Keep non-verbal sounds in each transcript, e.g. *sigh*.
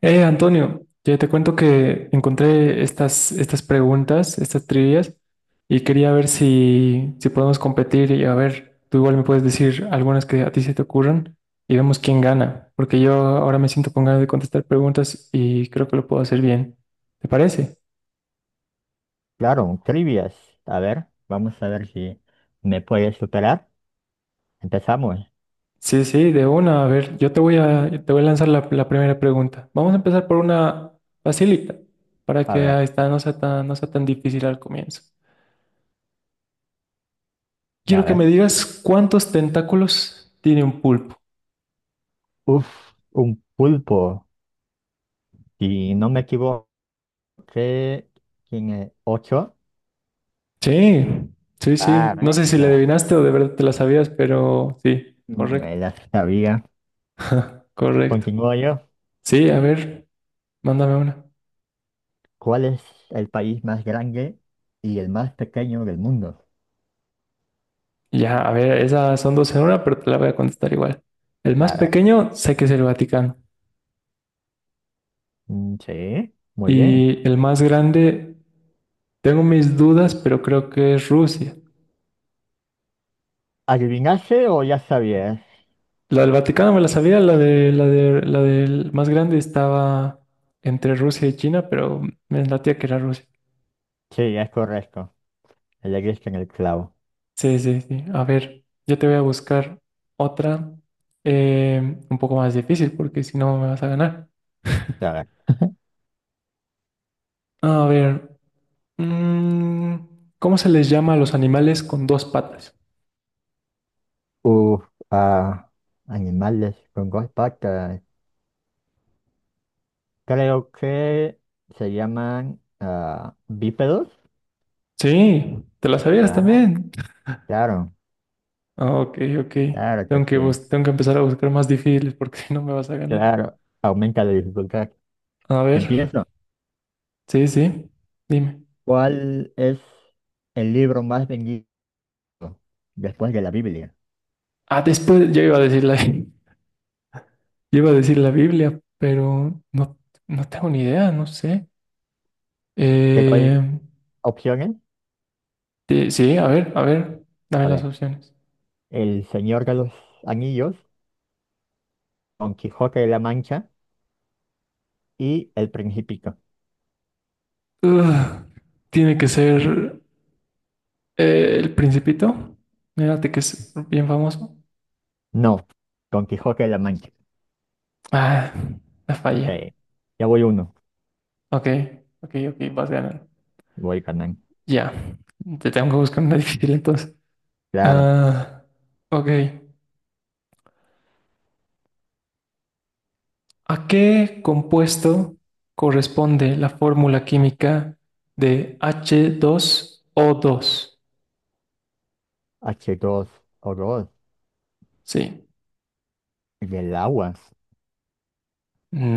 Antonio, ya te cuento que encontré estas preguntas, estas trivias, y quería ver si podemos competir y a ver, tú igual me puedes decir algunas que a ti se te ocurran y vemos quién gana, porque yo ahora me siento con ganas de contestar preguntas y creo que lo puedo hacer bien. ¿Te parece? Claro, un trivias. A ver, vamos a ver si me puedes superar. Empezamos. Sí, sí, de una. A ver, yo te voy a lanzar la primera pregunta. Vamos a empezar por una facilita, para A ver, que esta no sea no sea tan difícil al comienzo. Quiero a que ver. me digas cuántos tentáculos tiene un pulpo. Uf, un pulpo. Si no me equivoco, tiene ocho. Sí, sí, Ah, sí. No ¿eh? sé si le Ah, adivinaste o de verdad te la sabías, pero sí, me correcto. la sabía. *laughs* Correcto. Continúo yo. Sí, a ver, mándame una. ¿Cuál es el país más grande y el más pequeño del mundo? Ya, a ver, esas son dos en una, pero te la voy a contestar igual. El más A ver. pequeño sé que es el Vaticano. Mm, sí, muy bien. Y el más grande, tengo mis dudas, pero creo que es Rusia. ¿Adivinaste o ya sabías? La del Vaticano me la sabía, la del más grande estaba entre Rusia y China, pero me latía que era Rusia. Sí, es correcto. Le diste en el clavo. Sí, sí, sí. A ver, yo te voy a buscar otra un poco más difícil porque si no me vas a ganar. A ver. A ver, mm, ¿cómo se les llama a los animales con dos patas? Uf, ah, animales con dos patas. Creo que se llaman bípedos. Sí, te la sabías Ah, también. claro, Ah, ok, ok. claro que Tengo que, sí. Tengo que empezar a buscar más difíciles porque *laughs* si no me vas a ganar. Claro, aumenta la dificultad. A ver, Empiezo. sí, sí, dime. ¿Cuál es el libro más vendido después de la Biblia? Ah, después yo iba a decir la, *laughs* yo iba a decir la Biblia, pero no, no tengo ni idea, no sé. ¿Qué hay Eh, opciones? Sí, sí, a ver, dame A las ver, opciones. El Señor de los Anillos, Don Quijote de la Mancha y El Principito. Ugh, tiene que ser El Principito. Mírate que es bien famoso. No, Don Quijote de la Mancha. Ah, la fallé. Sí, ya voy uno, Ok, ok, ok, vas ganando. voy ganando. Ya, te tengo que buscar una *laughs* difícil entonces. Claro, Ah, ok. ¿A qué compuesto corresponde la fórmula química de H2O2? H2O2 Sí. y el agua.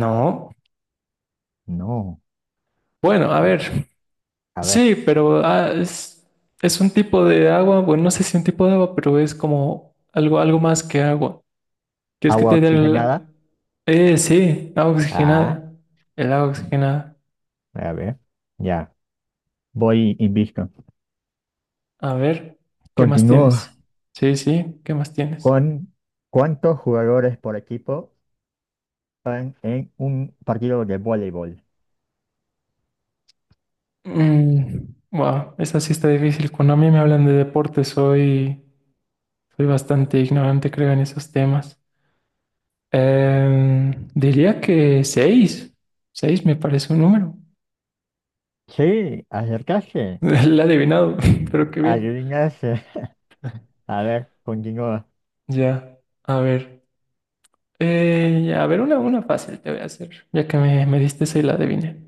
No. No. Bueno, a ver. A ver, Sí, pero es un tipo de agua, bueno, no sé si un tipo de agua, pero es como algo más que agua. ¿Quieres que agua te dé el... oxigenada. Sí, agua Ah, oxigenada. El agua oxigenada. a ver, ya. Voy invicto. A ver, ¿qué más Continúo tienes? Sí, sí, ¿qué más tienes? con cuántos jugadores por equipo van en un partido de voleibol. Mm, wow, esa sí está difícil. Cuando a mí me hablan de deporte, soy bastante ignorante, creo, en esos temas. Diría que seis. Seis me parece un número. Sí, *laughs* acercarse. La he adivinado, *laughs* pero qué bien. Adivinarse. *laughs* A ver, continúa. Ya, a ver. Ya, a ver, una fácil te voy a hacer, ya que me diste esa y la adiviné.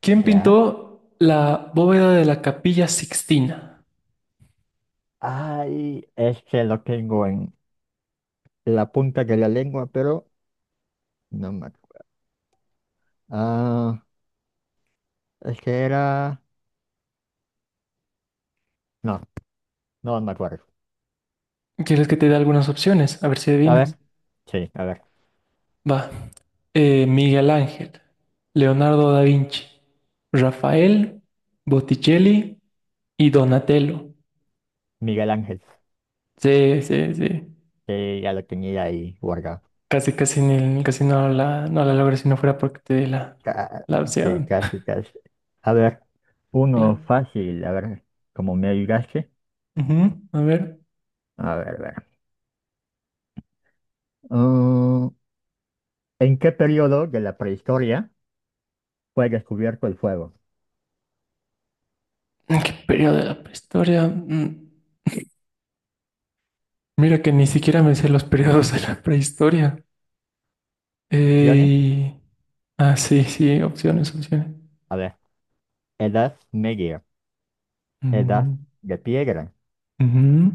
¿Quién Ya. pintó la bóveda de la Capilla Sixtina? Ay, es que lo tengo en la punta de la lengua, pero no me acuerdo. Ah, es que era. No. No, no me acuerdo. ¿Quieres que te dé algunas opciones? A ver si A ver, adivinas. sí, a ver. Va. Miguel Ángel, Leonardo da Vinci, Rafael, Botticelli y Donatello. Miguel Ángel. Sí, sí, sí. Sí, ya lo tenía ahí guardado. Casi, casi, casi no la logré si no fuera porque te di la, Ca- la Sí, opción. casi, *laughs* casi. A ver, uno Claro. fácil, a ver, como me ayudaste. Ujú, a ver. A ver, a ver. Mm, ¿en qué periodo de la prehistoria fue descubierto el fuego? ¿En ¿Qué periodo de la prehistoria? Mm, mira que ni siquiera me sé los periodos de la prehistoria. Opciones. Eh, Ah, sí, sí, opciones, opciones. A ver, Edad Media, Edad Mm, de Piedra, ujú,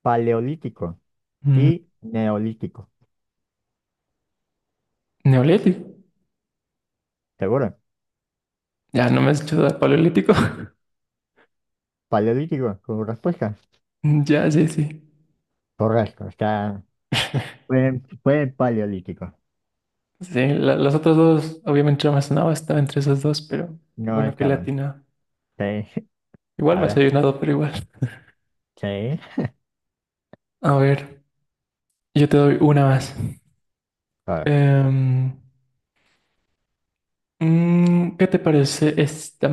Paleolítico mm, y Neolítico. Neolítico. ¿Seguro? Ya, no me has hecho dar paleolítico. *laughs* Paleolítico, como respuesta. Ya, sí, sí. Correcto, fue, Paleolítico. Sí, las otras dos, obviamente no me sonaba, estaba entre esas dos, pero qué No bueno que estaba. latina. Sí, *laughs* Igual a me has ver, ayudado, pero igual. sí, A ver, yo te doy una más. a ver. Em, ¿Qué te parece esta?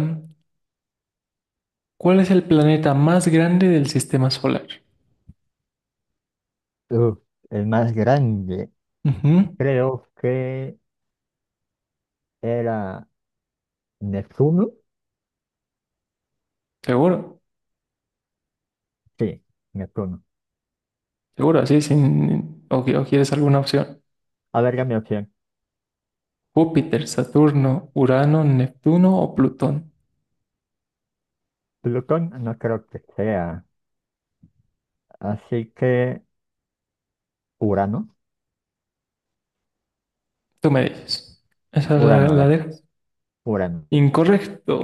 ¿Cuál es el planeta más grande del sistema solar? Uf, el más grande, Ujú, creo que era Neptuno. seguro, Sí, Neptuno. seguro, así sin... O, o quieres alguna opción. A ver, dame opción. Júpiter, Saturno, Urano, Neptuno o Plutón. Plutón no creo que sea. Así que Urano. Tú me dices. Esa Urano, a la ver, dejas. Urano. Incorrecto.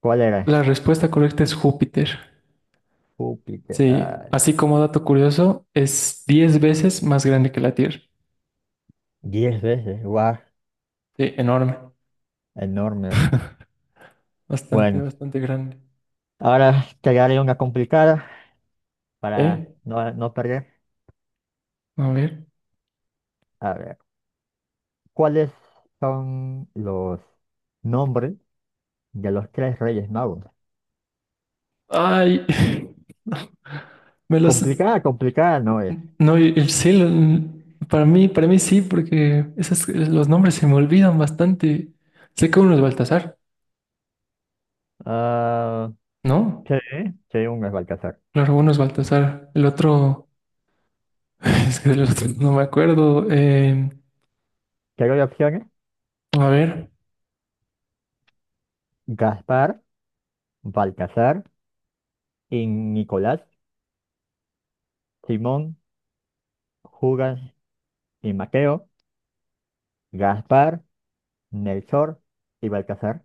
¿Cuál era? La respuesta correcta es Júpiter. Júpiter. Sí, Ah, así como dato curioso, es 10 veces más grande que la Tierra. 10 veces, guau, Sí, enorme. enorme. Bastante, Bueno, bastante grande. ahora te daré una complicada ¿Eh? para no, no perder. A ver. A ver, ¿cuáles son los nombres de los tres reyes magos? Ay, *laughs* me los... Complicada, complicada no es. No, y sí, para mí sí, porque esos, los nombres se me olvidan bastante. Sé que uno es Baltasar, Ah, ¿no? sí, sí, uno es Balcazar. Claro, uno es Baltasar. El otro, *laughs* es que del otro no me acuerdo. ¿Qué hay opciones? A ver, Gaspar, Balcazar, y Nicolás, Simón, Judas y Mateo, Gaspar, Melchor y Balcazar.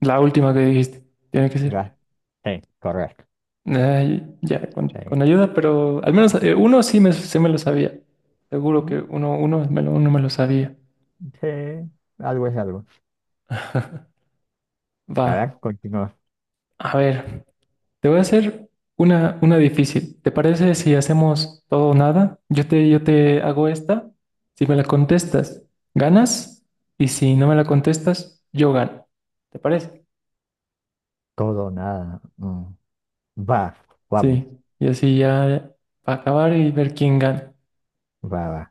la última que dijiste, tiene que ser. Gas Sí, correcto. Ay, ya, Sí. con ayuda, pero al menos uno sí se me lo sabía. Seguro que Mm, uno me lo sabía. sí, algo es algo. *laughs* Va, A ver, continúa. a ver. Te voy a hacer una difícil. ¿Te parece si hacemos todo o nada? Yo te hago esta. Si me la contestas, ganas. Y si no me la contestas, yo gano. ¿Te parece? Todo, nada. Mm. Va, vamos. Sí. Y así ya para acabar y ver quién gana. Va, va.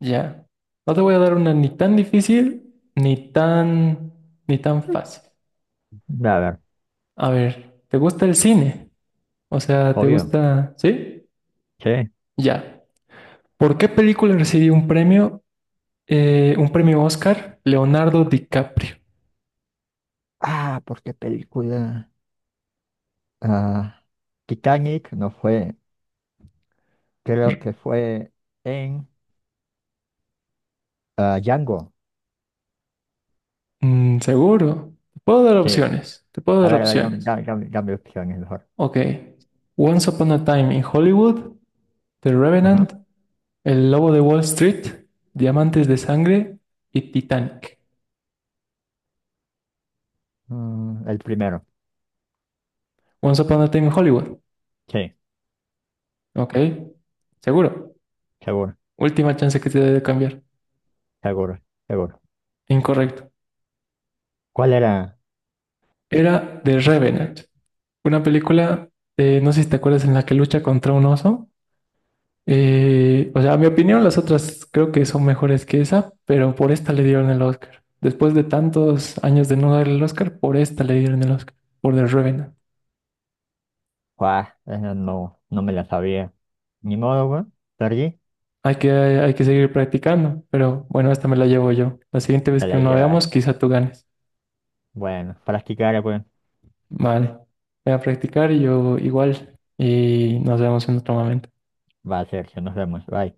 Ya. No te voy a dar una ni tan difícil, ni tan fácil. Va, a ver, A ver, ¿te gusta el cine? O sea, ¿te obvio. gusta? ¿Sí? Sí. Ya. ¿Por qué película recibió un premio? Un premio Oscar, Leonardo DiCaprio. Ah, ¿por qué película? Ah, Titanic no fue. Creo que fue en Django. Mm, seguro. Te puedo dar Sí. opciones. Te puedo dar A ver, dame, opciones. dame, dame- dame opciones mejor. Ok. Once Upon a Time in Hollywood, The Ajá. Revenant, El Lobo de Wall Street, Diamantes de Sangre y Titanic. Mm, el primero. Once Upon a Time in Hollywood. Sí, Ok. Seguro. seguro, Última chance que te doy de cambiar. seguro, seguro. Incorrecto. ¿Cuál era? Era The Revenant. Una película, no sé si te acuerdas, en la que lucha contra un oso. O sea, a mi opinión, las otras creo que son mejores que esa, pero por esta le dieron el Oscar. Después de tantos años de no darle el Oscar, por esta le dieron el Oscar, por The Revenant. Guau, esa no, no me la sabía. Ni modo, güey. Perdí, Hay que seguir practicando, pero bueno, esta me la llevo yo. La siguiente vez te que la nos veamos, llevas. quizá tú ganes. Bueno, practicar, güey. Vale, voy a practicar y yo igual, y nos vemos en otro momento. Va a ser, nos vemos. Bye.